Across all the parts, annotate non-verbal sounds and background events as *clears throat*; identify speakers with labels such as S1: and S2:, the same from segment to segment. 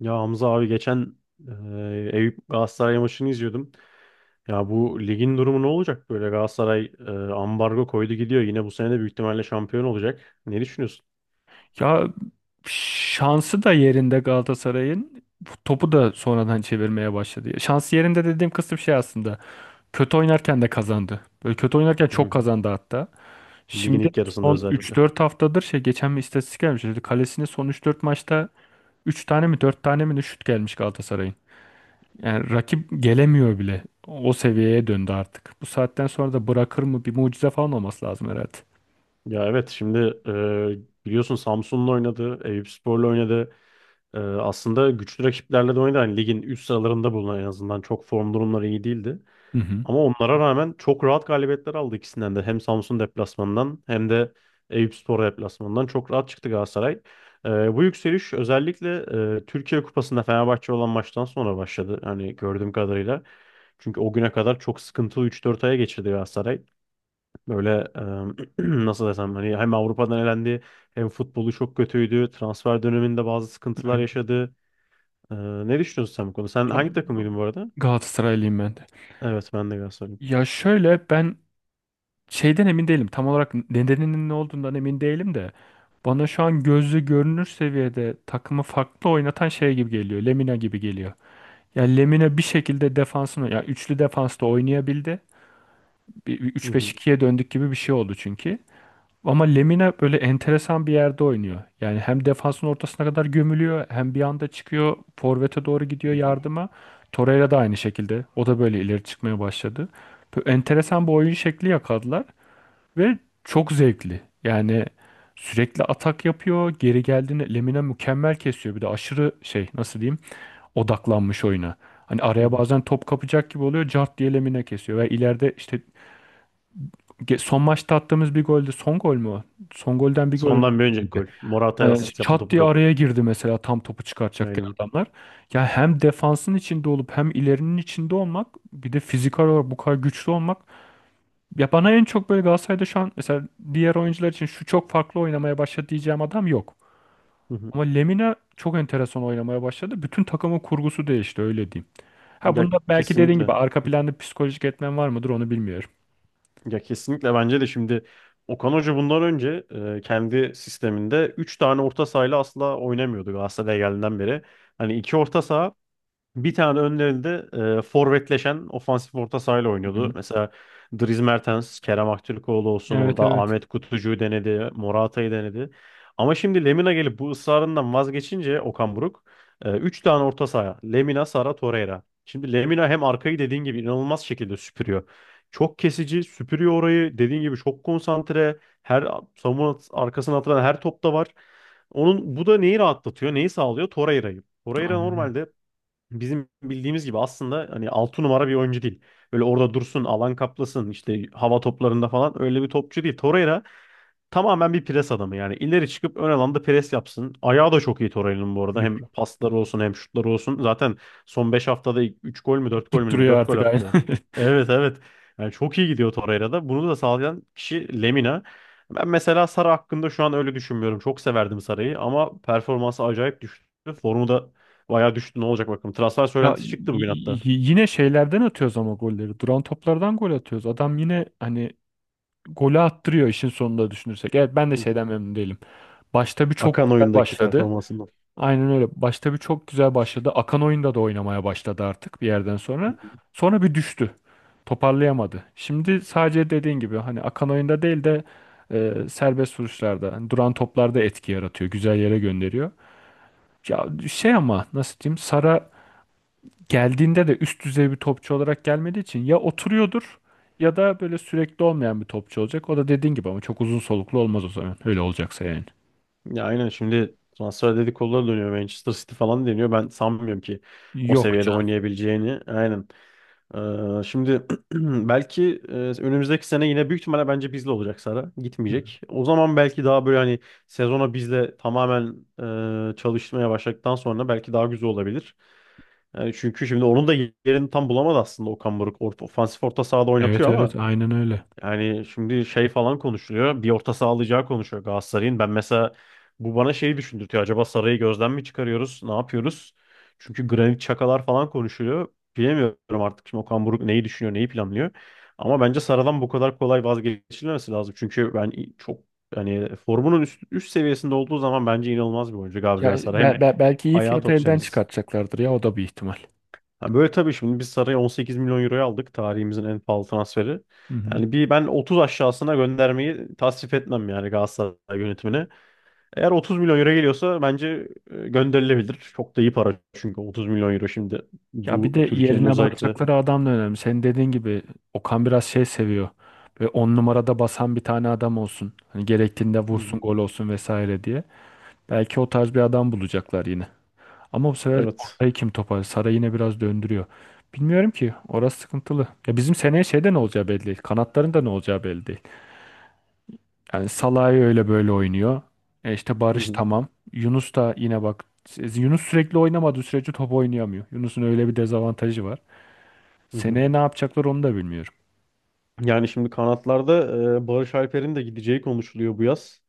S1: Ya Hamza abi geçen Eyüp Galatasaray maçını izliyordum. Ya bu ligin durumu ne olacak böyle? Galatasaray ambargo koydu gidiyor. Yine bu sene de büyük ihtimalle şampiyon olacak. Ne düşünüyorsun?
S2: Ya şansı da yerinde Galatasaray'ın topu da sonradan çevirmeye başladı. Şansı yerinde dediğim kısım şey aslında. Kötü oynarken de kazandı. Böyle kötü oynarken
S1: *laughs* Hı
S2: çok
S1: hı.
S2: kazandı hatta.
S1: Ligin
S2: Şimdi
S1: ilk yarısında
S2: son üç
S1: özellikle.
S2: dört haftadır şey geçen bir istatistik gelmiş. Dedi, kalesine son üç dört maçta üç tane mi 4 tane mi ne şut gelmiş Galatasaray'ın. Yani rakip gelemiyor bile. O seviyeye döndü artık. Bu saatten sonra da bırakır mı bir mucize falan olması lazım herhalde.
S1: Ya, evet, şimdi biliyorsun Samsun'la oynadı, Eyüpspor'la oynadı. E, aslında güçlü rakiplerle de oynadı. Hani ligin üst sıralarında bulunan, en azından çok form durumları iyi değildi.
S2: Hı hı.
S1: Ama onlara rağmen çok rahat galibiyetler aldı ikisinden de. Hem Samsun deplasmanından hem de Eyüpspor deplasmanından çok rahat çıktı Galatasaray. Ee, bu yükseliş özellikle Türkiye Kupası'nda Fenerbahçe olan maçtan sonra başladı. Hani gördüğüm kadarıyla. Çünkü o güne kadar çok sıkıntılı üç dört aya geçirdi Galatasaray. Böyle e, *clears throat* nasıl desem, hani hem Avrupa'dan elendi hem futbolu çok kötüydü. Transfer döneminde bazı sıkıntılar
S2: Öyle.
S1: yaşadı. Ee, ne düşünüyorsun sen bu konuda? Sen
S2: Ya,
S1: hangi takımıydın bu arada?
S2: Galatasaraylıyım ben de.
S1: Evet, ben de Galatasaraylıyım.
S2: Ya şöyle ben şeyden emin değilim. Tam olarak nedeninin ne olduğundan emin değilim de bana şu an gözle görünür seviyede takımı farklı oynatan şey gibi geliyor. Lemina gibi geliyor. Yani Lemina bir şekilde defansını ya üçlü defansta oynayabildi. Bir
S1: Hı hı,
S2: 3-5-2'ye döndük gibi bir şey oldu çünkü. Ama Lemina böyle enteresan bir yerde oynuyor. Yani hem defansın ortasına kadar gömülüyor, hem bir anda çıkıyor, forvete doğru gidiyor
S1: hı hı,
S2: yardıma. Torreira da aynı şekilde. O da böyle ileri çıkmaya başladı. Böyle enteresan bir oyun şekli yakaladılar. Ve çok zevkli. Yani sürekli atak yapıyor. Geri geldiğinde Lemina mükemmel kesiyor. Bir de aşırı şey nasıl diyeyim odaklanmış oyuna. Hani
S1: hı
S2: araya
S1: hı.
S2: bazen top kapacak gibi oluyor. Cart diye Lemina kesiyor. Ve ileride işte son maçta attığımız bir golde son gol mü o? Son golden bir gol önce
S1: Sondan bir önceki
S2: girdi.
S1: gol. Morata'ya
S2: Hani
S1: asist yaptı
S2: çat
S1: topu
S2: diye
S1: kapıp.
S2: araya girdi mesela tam topu çıkartacakken
S1: Aynen.
S2: adamlar. Ya hem defansın içinde olup hem ilerinin içinde olmak bir de fiziksel olarak bu kadar güçlü olmak ya bana en çok böyle Galatasaray'da şu an mesela diğer oyuncular için şu çok farklı oynamaya başladı diyeceğim adam yok.
S1: Hı hı.
S2: Ama Lemina çok enteresan oynamaya başladı. Bütün takımın kurgusu değişti öyle diyeyim. Ha
S1: Ya,
S2: bunda belki dediğin
S1: kesinlikle.
S2: gibi arka planda psikolojik etmen var mıdır onu bilmiyorum.
S1: Ya, kesinlikle bence de şimdi Okan Hoca bundan önce kendi sisteminde 3 tane orta sahayla asla oynamıyordu Galatasaray'a geldiğinden beri. Hani iki orta saha, bir tane önlerinde forvetleşen ofansif orta sahayla
S2: Hı
S1: oynuyordu.
S2: hı.
S1: Mesela Dries Mertens, Kerem Aktürkoğlu olsun,
S2: Evet
S1: orada
S2: evet.
S1: Ahmet Kutucu'yu denedi, Morata'yı denedi. Ama şimdi Lemina gelip bu ısrarından vazgeçince Okan Buruk 3 tane orta saha. Lemina, Sara, Torreira. Şimdi Lemina hem arkayı dediğin gibi inanılmaz şekilde süpürüyor. Çok kesici, süpürüyor orayı. Dediğin gibi çok konsantre. Her savunma arkasına atılan her topta var. Onun bu da neyi rahatlatıyor, neyi sağlıyor? Torreira'yı. Torreira
S2: Aynen öyle.
S1: normalde bizim bildiğimiz gibi aslında hani 6 numara bir oyuncu değil. Böyle orada dursun, alan kaplasın, işte hava toplarında falan, öyle bir topçu değil Torreira. Tamamen bir pres adamı yani. İleri çıkıp ön alanda pres yapsın. Ayağı da çok iyi Torreira'nın bu arada. Hem
S2: Yıpra-
S1: pasları olsun hem şutları olsun. Zaten son 5 haftada 3 gol mü 4 gol mü,
S2: Tutturuyor
S1: 4 gol
S2: artık aynen.
S1: attı.
S2: *laughs*
S1: Evet, evet. Yani çok iyi gidiyor Torreira'da. Bunu da sağlayan kişi Lemina. Ben mesela Sara hakkında şu an öyle düşünmüyorum. Çok severdim Sara'yı ama performansı acayip düştü. Formu da bayağı düştü. Ne olacak bakalım. Transfer
S2: Ya
S1: söylentisi çıktı bugün hatta.
S2: yine şeylerden atıyoruz ama golleri. Duran toplardan gol atıyoruz. Adam yine hani golü attırıyor işin sonunda düşünürsek. Evet ben de
S1: *laughs*
S2: şeyden memnun değilim. Başta bir çok
S1: Akan
S2: güzel
S1: oyundaki
S2: başladı.
S1: performansından.
S2: Aynen öyle. Başta bir çok güzel başladı. Akan oyunda da oynamaya başladı artık bir yerden sonra. Sonra bir düştü. Toparlayamadı. Şimdi sadece dediğin gibi hani akan oyunda değil de serbest vuruşlarda, hani duran toplarda etki yaratıyor. Güzel yere gönderiyor. Ya şey ama nasıl diyeyim? Sara geldiğinde de üst düzey bir topçu olarak gelmediği için ya oturuyordur ya da böyle sürekli olmayan bir topçu olacak. O da dediğin gibi ama çok uzun soluklu olmaz o zaman. Öyle olacaksa yani.
S1: Ya aynen, şimdi transfer dedikoduları dönüyor. Manchester City falan deniyor. Ben sanmıyorum ki o
S2: Yok
S1: seviyede
S2: canım.
S1: oynayabileceğini. Aynen. Şimdi *clears throat* belki önümüzdeki sene yine büyük ihtimalle bence bizle olacak Sara. Gitmeyecek. O zaman belki daha böyle, hani sezona bizle tamamen çalışmaya başladıktan sonra belki daha güzel olabilir. Yani çünkü şimdi onun da yerini tam bulamadı aslında Okan Buruk. Ofansif orta sahada
S2: Evet
S1: oynatıyor ama
S2: evet aynen öyle.
S1: yani şimdi şey falan konuşuluyor. Bir orta saha alacağı konuşuyor Galatasaray'ın. Ben mesela bu bana şeyi düşündürtüyor. Acaba Saray'ı gözden mi çıkarıyoruz? Ne yapıyoruz? Çünkü Granit Çakalar falan konuşuluyor. Bilemiyorum artık şimdi Okan Buruk neyi düşünüyor, neyi planlıyor. Ama bence Saray'dan bu kadar kolay vazgeçilmemesi lazım. Çünkü ben çok, hani formunun üst seviyesinde olduğu zaman bence inanılmaz bir oyuncu
S2: Ya
S1: Gabriel Saray. Hem
S2: belki iyi
S1: ayağı
S2: fiyata
S1: tok,
S2: elden
S1: temiz.
S2: çıkartacaklardır ya o da bir ihtimal.
S1: Ha, böyle tabii, şimdi biz Saray'ı 18 milyon euroya aldık. Tarihimizin en pahalı transferi.
S2: Hı hı.
S1: Yani bir ben 30 aşağısına göndermeyi tasvip etmem yani Galatasaray yönetimine. Eğer 30 milyon euro geliyorsa bence gönderilebilir. Çok da iyi para çünkü 30 milyon euro, şimdi
S2: Ya bir
S1: bu
S2: de
S1: Türkiye'nin
S2: yerine
S1: özellikle. Hı
S2: bakacakları adam da önemli. Senin dediğin gibi Okan biraz şey seviyor. Ve on numarada basan bir tane adam olsun. Hani gerektiğinde vursun,
S1: hı.
S2: gol olsun vesaire diye. Belki o tarz bir adam bulacaklar yine. Ama bu sefer
S1: Evet.
S2: ortayı kim topar? Saray yine biraz döndürüyor. Bilmiyorum ki. Orası sıkıntılı. Ya bizim seneye şeyde ne olacağı belli değil. Kanatların da ne olacağı belli değil. Yani Salah'ı öyle böyle oynuyor. E işte
S1: Hı
S2: Barış
S1: hı.
S2: tamam. Yunus da yine bak Yunus sürekli oynamadığı sürece top oynayamıyor. Yunus'un öyle bir dezavantajı var.
S1: Hı hı.
S2: Seneye ne yapacaklar onu da bilmiyorum.
S1: Yani şimdi kanatlarda Barış Alper'in de gideceği konuşuluyor bu yaz.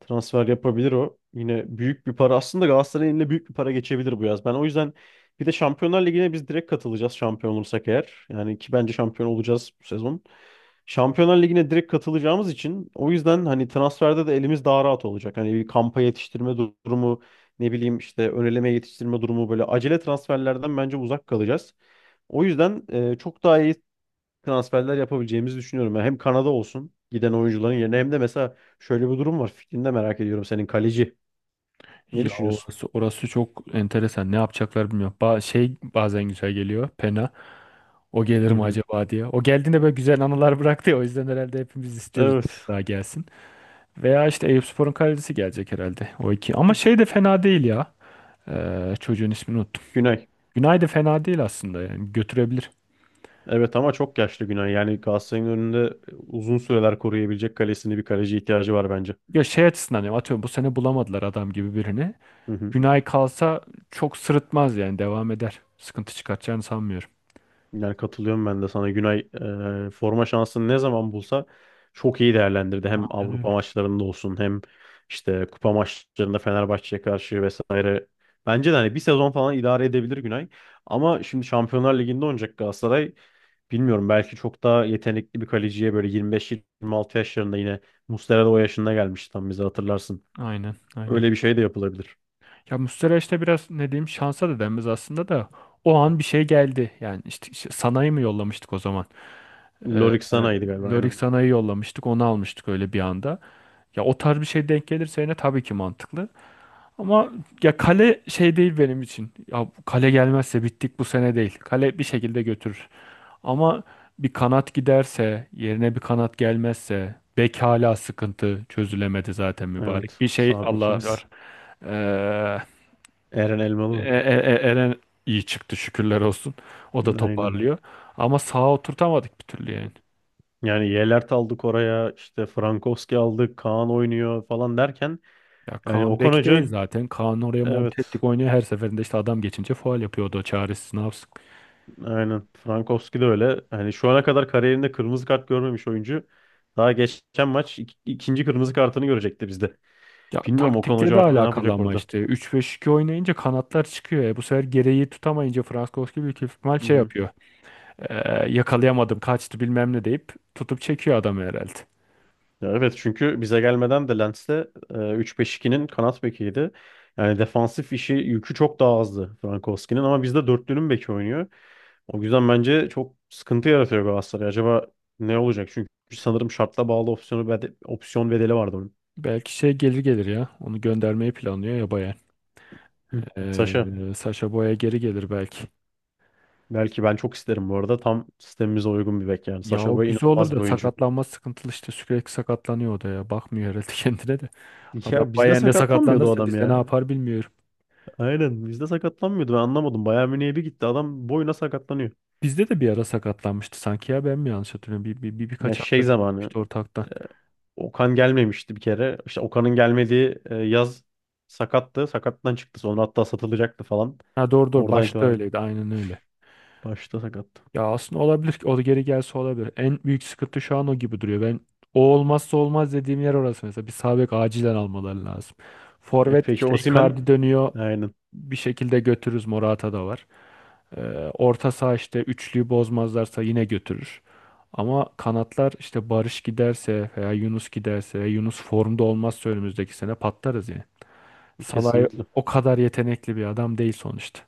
S1: Transfer yapabilir o. Yine büyük bir para. Aslında Galatasaray'ın eline büyük bir para geçebilir bu yaz. Ben o yüzden, bir de Şampiyonlar Ligi'ne biz direkt katılacağız şampiyon olursak eğer. Yani ki bence şampiyon olacağız bu sezon. Şampiyonlar Ligi'ne direkt katılacağımız için, o yüzden hani transferde de elimiz daha rahat olacak. Hani bir kampa yetiştirme durumu, ne bileyim işte ön eleme yetiştirme durumu, böyle acele transferlerden bence uzak kalacağız. O yüzden çok daha iyi transferler yapabileceğimizi düşünüyorum. Yani hem Kanada olsun giden oyuncuların yerine, hem de mesela şöyle bir durum var. Fikrini de merak ediyorum senin, kaleci. Ne
S2: Ya
S1: düşünüyorsun?
S2: orası, orası çok enteresan. Ne yapacaklar bilmiyorum. Şey bazen güzel geliyor. Pena. O gelir
S1: Hı
S2: mi
S1: hı.
S2: acaba diye. O geldiğinde böyle güzel anılar bıraktı ya. O yüzden herhalde hepimiz istiyoruz
S1: Evet.
S2: daha gelsin. Veya işte Eyüpspor'un kalecisi gelecek herhalde. O iki. Ama şey de fena değil ya. Çocuğun ismini unuttum.
S1: Günay.
S2: Günay da fena değil aslında yani götürebilir.
S1: Evet, ama çok yaşlı Günay. Yani Galatasaray'ın önünde uzun süreler koruyabilecek kalesini, bir kaleci ihtiyacı var bence.
S2: Ya şey açısından diyorum, atıyorum bu sene bulamadılar adam gibi birini.
S1: Hı hı.
S2: Günay kalsa çok sırıtmaz yani devam eder. Sıkıntı çıkartacağını sanmıyorum.
S1: Yani katılıyorum ben de sana. Günay forma şansını ne zaman bulsa çok iyi değerlendirdi. Hem
S2: Aynen
S1: Avrupa
S2: öyle.
S1: maçlarında olsun hem işte kupa maçlarında Fenerbahçe'ye karşı vesaire. Bence de hani bir sezon falan idare edebilir Günay. Ama şimdi Şampiyonlar Ligi'nde oynayacak Galatasaray. Bilmiyorum, belki çok daha yetenekli bir kaleciye, böyle 25-26 yaşlarında yine, Muslera da o yaşında gelmişti tam bize, hatırlarsın.
S2: Aynen aynen.
S1: Öyle bir şey de yapılabilir.
S2: Ya Muslera işte biraz ne diyeyim şansa da denmez aslında da o an bir şey geldi. Yani işte, işte Sanay'ı mı yollamıştık o zaman? Ee, e,
S1: Lorik Sana'ydı galiba,
S2: Lorik
S1: aynen.
S2: Sanay'ı yollamıştık onu almıştık öyle bir anda. Ya o tarz bir şey denk gelirse yine tabii ki mantıklı. Ama ya kale şey değil benim için. Ya bu kale gelmezse bittik bu sene değil. Kale bir şekilde götürür. Ama bir kanat giderse, yerine bir kanat gelmezse, bek hala sıkıntı çözülemedi zaten mübarek.
S1: Evet,
S2: Bir şey
S1: sağ
S2: Allah
S1: bekimiz.
S2: var. Ee,
S1: Eren Elmalı mı?
S2: Eren iyi çıktı şükürler olsun. O da
S1: Aynen.
S2: toparlıyor. Ama sağa oturtamadık bir türlü yani.
S1: Yani Yelert aldık oraya, işte Frankowski aldık, Kaan oynuyor falan derken,
S2: Ya
S1: yani
S2: Kaan
S1: Okan
S2: bek değil
S1: Hoca,
S2: zaten. Kaan oraya monte
S1: evet,
S2: ettik oynuyor. Her seferinde işte adam geçince faul yapıyordu. O çaresiz ne yapsın.
S1: aynen Frankowski de öyle. Yani şu ana kadar kariyerinde kırmızı kart görmemiş oyuncu. Daha geçen maç ikinci kırmızı kartını görecekti bizde.
S2: Ya
S1: Bilmiyorum Okan
S2: taktikle
S1: Hoca
S2: de
S1: artık ne
S2: alakalı
S1: yapacak
S2: ama
S1: orada.
S2: işte. üç 5 2 oynayınca kanatlar çıkıyor. E, bu sefer gereği tutamayınca Frankowski büyük ihtimal
S1: Hı
S2: şey
S1: hı.
S2: yapıyor. Ee, yakalayamadım kaçtı bilmem ne deyip tutup çekiyor adamı herhalde.
S1: Ya evet, çünkü bize gelmeden de Lens'te 3-5-2'nin kanat bekiydi. Yani defansif işi, yükü çok daha azdı Frankowski'nin ama bizde dörtlünün beki oynuyor. O yüzden bence çok sıkıntı yaratıyor Galatasaray. Acaba ne olacak? Çünkü sanırım şartla bağlı opsiyon bedeli vardı onun.
S2: Belki şey gelir gelir ya. Onu göndermeyi planlıyor ya Bayern.
S1: Hı. Saşa.
S2: Sacha Boey geri gelir belki.
S1: Belki, ben çok isterim bu arada. Tam sistemimize uygun bir bek yani.
S2: Ya
S1: Saşa
S2: o
S1: Boey
S2: güzel olur da
S1: inanılmaz bir
S2: bilmiyorum.
S1: oyuncu.
S2: Sakatlanma sıkıntılı işte sürekli sakatlanıyor o da ya. Bakmıyor herhalde *laughs* kendine de. Adam
S1: Ya bizde
S2: Bayern'de
S1: sakatlanmıyordu o
S2: sakatlanırsa
S1: adam
S2: bizde ne
S1: ya.
S2: yapar bilmiyorum.
S1: Aynen, bizde sakatlanmıyordu. Ben anlamadım. Bayern Münih'e bir gitti, adam boyuna sakatlanıyor.
S2: Bizde de bir ara sakatlanmıştı sanki ya ben mi yanlış hatırlıyorum?
S1: Ya
S2: Birkaç hafta
S1: şey zamanı.
S2: gitmişti ortaktan.
S1: Okan gelmemişti bir kere. İşte Okan'ın gelmediği yaz sakattı. Sakattan çıktı. Sonra hatta satılacaktı falan.
S2: Ha doğru doğru
S1: Oradan
S2: başta
S1: itibaren,
S2: öyleydi aynen öyle.
S1: başta sakat.
S2: Ya aslında olabilir ki o da geri gelse olabilir. En büyük sıkıntı şu an o gibi duruyor. Ben o olmazsa olmaz dediğim yer orası mesela. Bir sağ bek acilen almaları lazım.
S1: E,
S2: Forvet
S1: peki
S2: işte
S1: Osimhen?
S2: Icardi dönüyor.
S1: Aynen.
S2: Bir şekilde götürürüz. Morata da var. Ee, orta saha işte üçlüyü bozmazlarsa yine götürür. Ama kanatlar işte Barış giderse veya Yunus giderse Yunus formda olmazsa önümüzdeki sene patlarız yani. Salah'ı
S1: Kesinlikle.
S2: o kadar yetenekli bir adam değil sonuçta.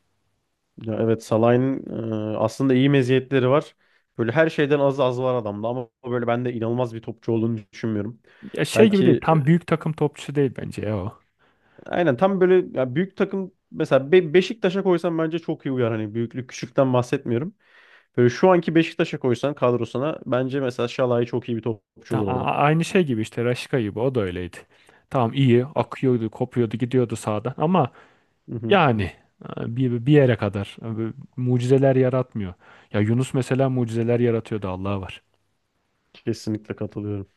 S1: Ya, evet Salah'ın aslında iyi meziyetleri var. Böyle her şeyden az az var adamda ama böyle ben de inanılmaz bir topçu olduğunu düşünmüyorum.
S2: Ya şey gibi değil.
S1: Belki
S2: Tam büyük takım topçusu değil bence ya o.
S1: aynen, tam böyle ya büyük takım, mesela Beşiktaş'a koysan bence çok iyi uyar. Hani büyüklük küçükten bahsetmiyorum. Böyle şu anki Beşiktaş'a koysan kadrosuna, bence mesela Şalay çok iyi bir topçu olur orada.
S2: Aynı şey gibi işte Raşka gibi o da öyleydi. Tamam iyi akıyordu, kopuyordu, gidiyordu sağdan ama
S1: Hı hı,
S2: yani bir yere kadar mucizeler yaratmıyor. Ya Yunus mesela mucizeler yaratıyordu Allah'a var.
S1: kesinlikle katılıyorum.